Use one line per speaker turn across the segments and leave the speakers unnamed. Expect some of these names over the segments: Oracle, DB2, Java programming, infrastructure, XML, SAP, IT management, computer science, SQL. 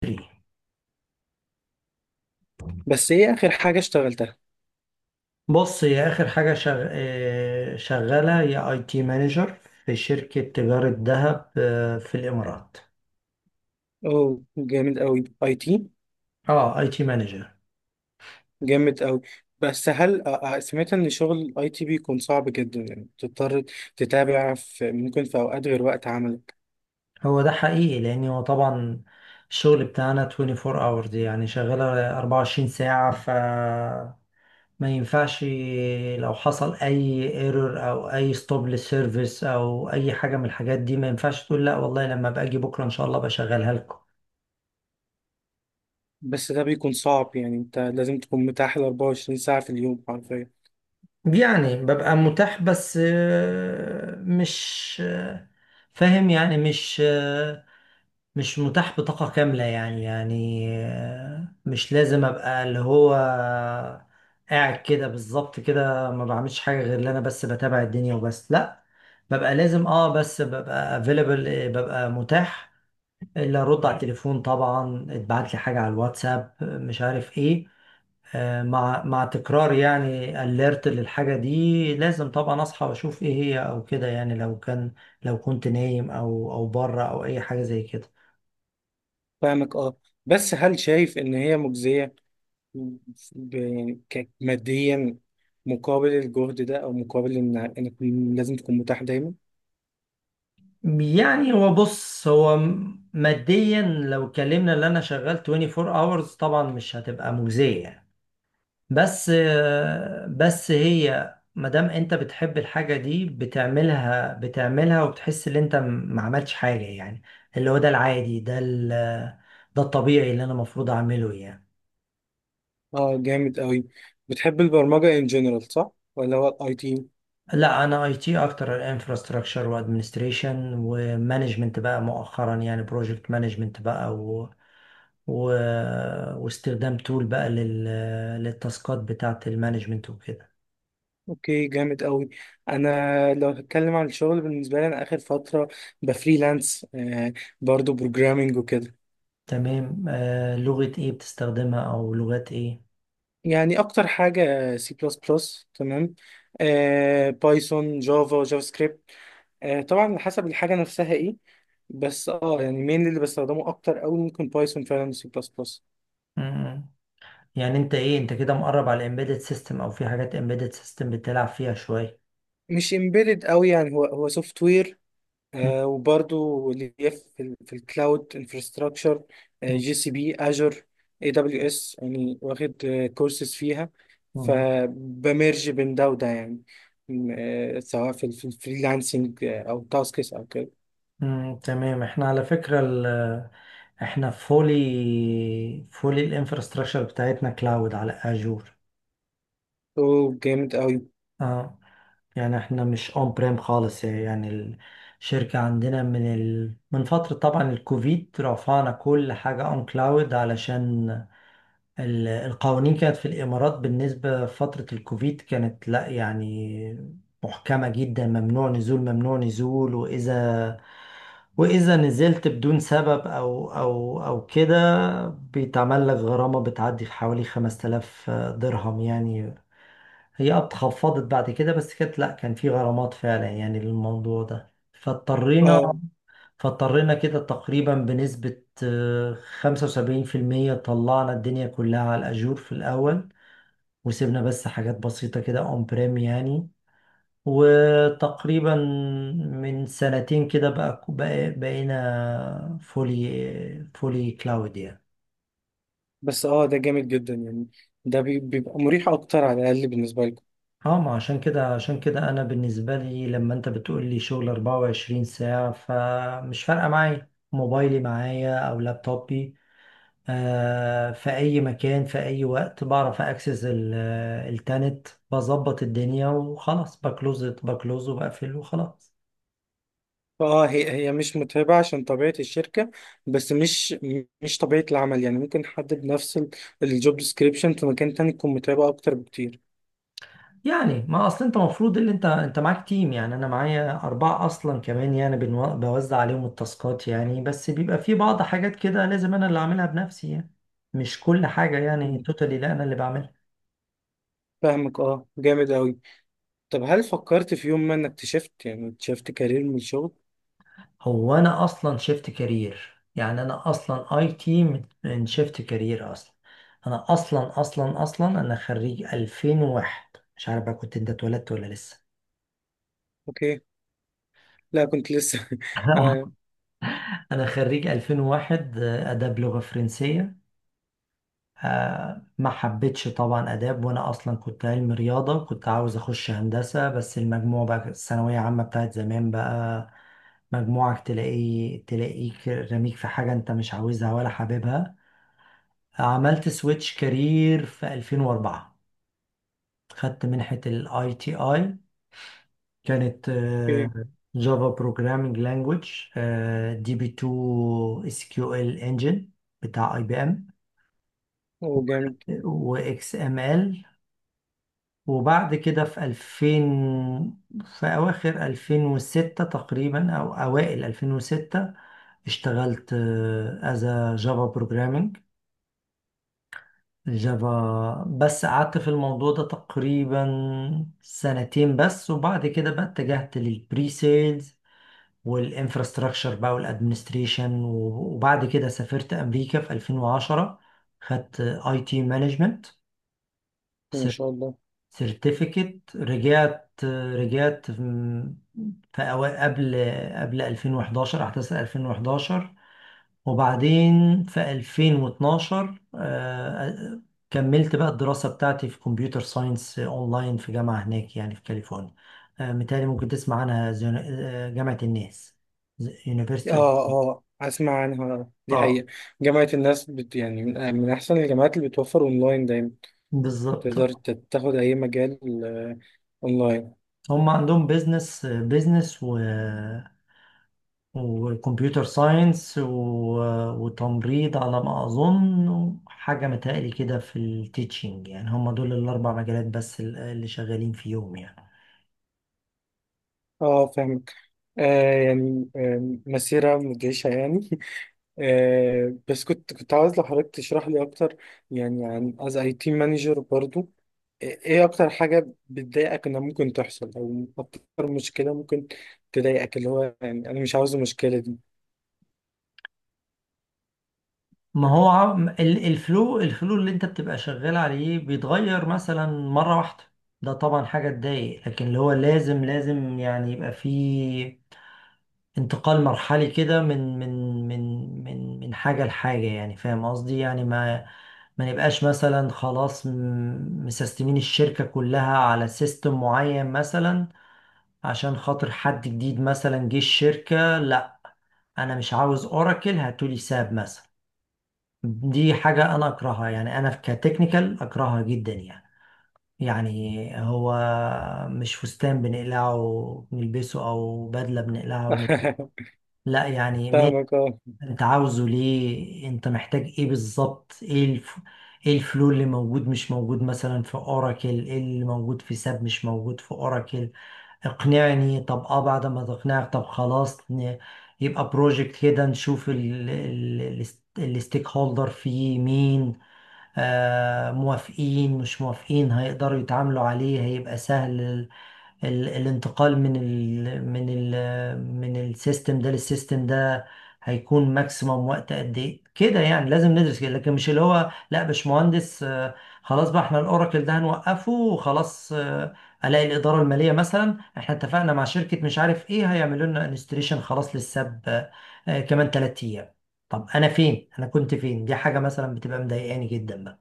3
بس ايه اخر حاجه اشتغلتها؟
بص، هي اخر حاجه شغ... آه، شغاله، هي اي تي مانجر في شركه تجاره ذهب، في الامارات.
اوه، جامد قوي. اي تي.
اه، اي تي مانجر.
جامد قوي. بس هل سمعت ان شغل اي تي بيكون صعب جدا؟ يعني تضطر تتابع في، ممكن في اوقات غير وقت عملك.
هو ده حقيقي لان هو طبعا الشغل بتاعنا 24 hours، يعني شغاله 24 ساعه. ف ما ينفعش لو حصل اي ايرور او اي ستوب للسيرفيس او اي حاجه من الحاجات دي، ما ينفعش تقول لا والله، لما باجي بكره ان شاء الله بشغلها لكم.
بس ده بيكون صعب، يعني انت لازم تكون متاح ال 24 ساعه في اليوم حرفيا.
يعني ببقى متاح بس، آه، مش آه، فاهم، يعني مش متاح بطاقة كاملة، يعني مش لازم ابقى اللي هو قاعد كده بالظبط، كده ما بعملش حاجة غير اللي انا بس بتابع الدنيا وبس. لا ببقى لازم، اه، بس ببقى available، ببقى متاح الا ارد على التليفون. طبعا اتبعت لي حاجة على الواتساب، مش عارف ايه، مع تكرار يعني اليرت للحاجة دي، لازم طبعا اصحى واشوف ايه هي، او كده يعني. لو كان، لو كنت نايم، او بره، او اي حاجة زي كده.
فاهمك، اه. بس هل شايف ان هي مجزيه؟ ماديا، مقابل الجهد ده، او مقابل ان انك لازم تكون متاح دايما.
يعني هو بص، هو ماديا، لو اتكلمنا اللي انا شغال 24 hours طبعا مش هتبقى مجزية يعني. بس بس هي مادام انت بتحب الحاجة دي بتعملها بتعملها، وبتحس ان انت ما عملتش حاجة يعني، اللي هو ده العادي، ده ده الطبيعي اللي انا المفروض اعمله يعني.
اه، جامد قوي. بتحب البرمجة ان جنرال، صح؟ ولا هو الاي تي؟
لا، انا اي تي اكتر، انفراستراكشر وادمنستريشن ومانجمنت بقى مؤخرا، يعني بروجكت مانجمنت بقى، و... واستخدام تول بقى للتاسكات بتاعة المانجمنت وكده.
اوكي، جامد قوي. انا لو هتكلم عن الشغل بالنسبة لي، انا اخر فترة بفريلانس، برضو بروجرامنج وكده.
تمام، لغة ايه بتستخدمها، او لغات ايه؟
يعني اكتر حاجة سي بلس بلس، تمام، بايثون، جافا، جافا سكريبت. طبعا على حسب الحاجة نفسها ايه. بس يعني مين اللي بستخدمه اكتر قوي ممكن بايثون، فعلا سي بلس بلس.
مم. يعني انت ايه، انت كده مقرب على الامبيدد سيستم، او في حاجات امبيدد سيستم بتلعب فيها شوية؟
مش امبيدد قوي، يعني هو سوفت وير.
مم.
وبرضو اللي هي في الكلاود انفراستراكشر.
مم.
جي سي بي اجر. اي دبليو اس. يعني واخد كورسز فيها، فبمرج بين ده وده يعني. سواء في الفريلانسنج او تاسكس او كده.
مم. تمام، احنا على فكرة احنا فولي فولي الانفراستراكشر بتاعتنا كلاود على اجور.
اوه، جامد قوي.
اه، يعني احنا مش اون بريم خالص يعني. الشركة عندنا من من فترة، طبعا الكوفيد رفعنا كل حاجة اون كلاود، علشان القوانين كانت في الإمارات بالنسبة فترة الكوفيد، كانت، لا يعني، محكمة جدا، ممنوع نزول ممنوع نزول، وإذا نزلت بدون سبب أو كده، بيتعمل لك غرامة بتعدي في حوالي 5000 درهم يعني. هي اتخفضت بعد كده، بس كانت، لا، كان في غرامات فعلا يعني للموضوع ده، فاضطرينا
اه
فاضطرينا كده تقريبا بنسبة 75% طلعنا الدنيا كلها على الأجور في الأول، وسيبنا بس حاجات بسيطة كده أون بريم يعني. وتقريبا من سنتين كده بقى، بقينا فولي فولي كلاود يعني.
بس ده جامد جدا يعني. بيبقى مريح اكتر على الاقل بالنسبه لي.
اه، ما عشان كده عشان كده انا، بالنسبة لي لما انت بتقول لي شغل 24 ساعة، فمش فارقة، معايا موبايلي معايا او لابتوبي، في اي مكان في اي وقت بعرف اكسس التانت بظبط الدنيا وخلاص، بكلوز وبقفل وخلاص.
اه، هي مش متعبة عشان طبيعة الشركة، بس مش طبيعة العمل. يعني ممكن حد بنفس الجوب ديسكريبشن في مكان تاني تكون متعبة أكتر بكتير.
يعني ما اصل انت المفروض، اللي انت معاك تيم يعني، انا معايا 4 اصلا كمان يعني، بوزع عليهم التاسكات يعني، بس بيبقى في بعض حاجات كده لازم انا اللي اعملها بنفسي يعني، مش كل حاجة يعني توتالي، لا، انا اللي بعملها.
فاهمك، اه، جامد أوي. طب هل فكرت في يوم ما إنك تشفت، يعني تشفت كارير من الشغل؟
هو انا اصلا شفت كارير يعني، انا اصلا اي تي من شفت كارير اصلا. انا اصلا اصلا اصلا انا خريج 2001، مش عارف بقى كنت انت اتولدت ولا لسه.
أوكي. لا كنت لسه آه.
انا خريج 2001، اداب لغة فرنسية. ما حبيتش طبعا اداب، وانا اصلا كنت علم رياضة، كنت عاوز اخش هندسة، بس المجموع بقى، الثانوية عامة بتاعت زمان بقى، مجموعك تلاقي، رميك في حاجة انت مش عاوزها ولا حاببها. عملت سويتش كارير في 2004، خدت منحة الاي تي اي، كانت
أوكي.
جافا بروجرامينج لانجويج، دي بي 2 اس كيو ال انجن بتاع اي بي ام،
أوه، جامد.
واكس ام ال. وبعد كده في 2000، في اواخر 2006 تقريبا او اوائل 2006 اشتغلت از جافا بروجرامينج جافا، بس قعدت في الموضوع ده تقريبا سنتين بس. وبعد كده بقى اتجهت للبري سيلز والانفراستراكشر بقى والادمنستريشن، وبعد كده سافرت امريكا في 2010، خدت اي تي مانجمنت
ما شاء الله.
سيرتيفيكت، رجعت في قبل 2011، احداث 2011. وبعدين في 2012 كملت بقى الدراسة بتاعتي في كمبيوتر ساينس اونلاين في جامعة هناك يعني، في كاليفورنيا. متهيألي ممكن تسمع عنها، جامعة الناس، University of.
اه اه، أسمع عنها دي
اه،
حقيقة. جامعة الناس بت، يعني من أحسن الجامعات اللي بتوفر أونلاين دايما.
بالظبط.
تقدر تاخد أي مجال، آه، اونلاين.
هم عندهم بيزنس بيزنس و وكمبيوتر ساينس، وتمريض على ما أظن، وحاجة متهيألي كده في التيتشنج، يعني هم دول الأربع مجالات بس اللي شغالين فيهم يعني.
اه، فاهمك. يعني مسيرة مدهشة يعني بس كنت عاوز لو حضرتك تشرح لي أكتر، يعني عن از اي تي مانجر برضو. ايه أكتر حاجة بتضايقك إنها ممكن تحصل؟ أو أكتر مشكلة ممكن تضايقك، اللي هو يعني أنا مش عاوز المشكلة دي.
ما هو الفلو اللي انت بتبقى شغال عليه بيتغير مثلا مرة واحدة، ده طبعا حاجة تضايق، لكن اللي هو لازم، يعني يبقى فيه انتقال مرحلي كده من حاجة لحاجة، يعني فاهم قصدي يعني، ما نبقاش مثلا خلاص، مسستمين الشركة كلها على سيستم معين مثلا عشان خاطر حد جديد مثلا جه الشركة، لا، انا مش عاوز اوراكل، هاتولي ساب مثلا. دي حاجة أنا أكرهها يعني، أنا كتكنيكال أكرهها جدا يعني. يعني هو مش فستان بنقلعه ونلبسه، أو بدلة بنقلعها ونلبسه، لا يعني ماشي.
فاهمك، اه.
أنت عاوزه ليه؟ أنت محتاج إيه بالظبط؟ إيه إيه الفلو اللي موجود مش موجود مثلا في أوراكل؟ إيه اللي موجود في ساب مش موجود في أوراكل؟ اقنعني. طب اه، بعد ما تقنعك، طب خلاص، يبقى بروجكت كده، نشوف الستيك هولدر فيه مين، موافقين مش موافقين، هيقدروا يتعاملوا عليه، هيبقى سهل ال ال الانتقال من السيستم ده للسيستم ده، هيكون ماكسيموم وقت قد ايه كده يعني، لازم ندرس كده، لكن مش اللي هو: لا باشمهندس، خلاص بقى احنا الاوراكل ده هنوقفه وخلاص، الاقي الاداره الماليه مثلا احنا اتفقنا مع شركه مش عارف ايه، هيعملوا لنا انستليشن خلاص للساب، كمان 3 ايام، طب انا كنت فين؟ دي حاجه مثلا بتبقى مضايقاني جدا.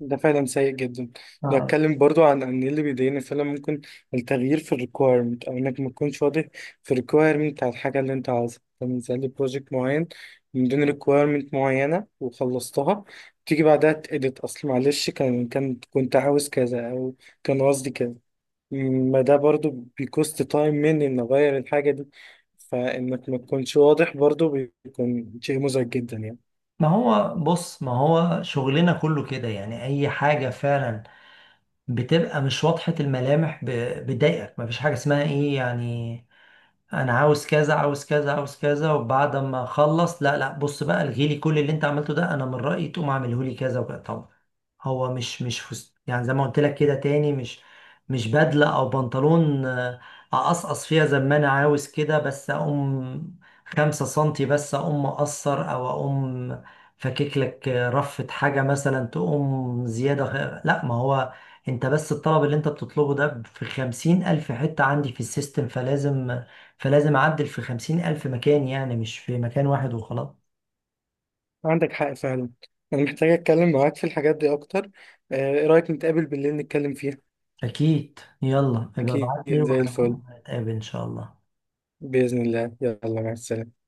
ده فعلا سيء جدا. لو
آه.
اتكلم برضو عن ان اللي بيضايقني فعلا ممكن التغيير في الريكويرمنت، او انك ما تكونش واضح في الريكويرمنت بتاع الحاجه اللي انت عاوزها. مثلا لي بروجكت معين من دون ريكويرمنت معينه وخلصتها، تيجي بعدها تأديت اصل معلش كان كنت عاوز كذا، او كان قصدي كذا. ما ده برضو بيكوست تايم مني ان اغير الحاجه دي. فانك ما تكونش واضح برضو بيكون شيء مزعج جدا يعني.
ما هو بص، ما هو شغلنا كله كده يعني، اي حاجة فعلا بتبقى مش واضحة الملامح بتضايقك، ما فيش حاجة اسمها ايه يعني، انا عاوز كذا عاوز كذا عاوز كذا، وبعد ما اخلص، لا لا، بص بقى، الغي لي كل اللي انت عملته ده، انا من رأيي تقوم اعمله لي كذا وكذا. طبعا هو مش يعني زي ما قلت لك كده تاني، مش، مش بدلة او بنطلون، اقصقص فيها زي ما انا عاوز كده، بس اقوم خمسة سنتي بس، اقوم مقصر، او اقوم فكك لك، رفة حاجة مثلا تقوم زيادة، لا، ما هو انت بس الطلب اللي انت بتطلبه ده في 50 الف حتة عندي في السيستم، فلازم اعدل في 50 الف مكان، يعني مش في مكان واحد وخلاص.
عندك حق فعلا. انا محتاج اتكلم معاك في الحاجات دي اكتر. ايه رايك نتقابل بالليل نتكلم فيها؟
اكيد، يلا يبقى
اكيد،
ابعت لي
زي الفل.
وهنتقابل ان شاء الله.
باذن الله، يلا مع السلامه.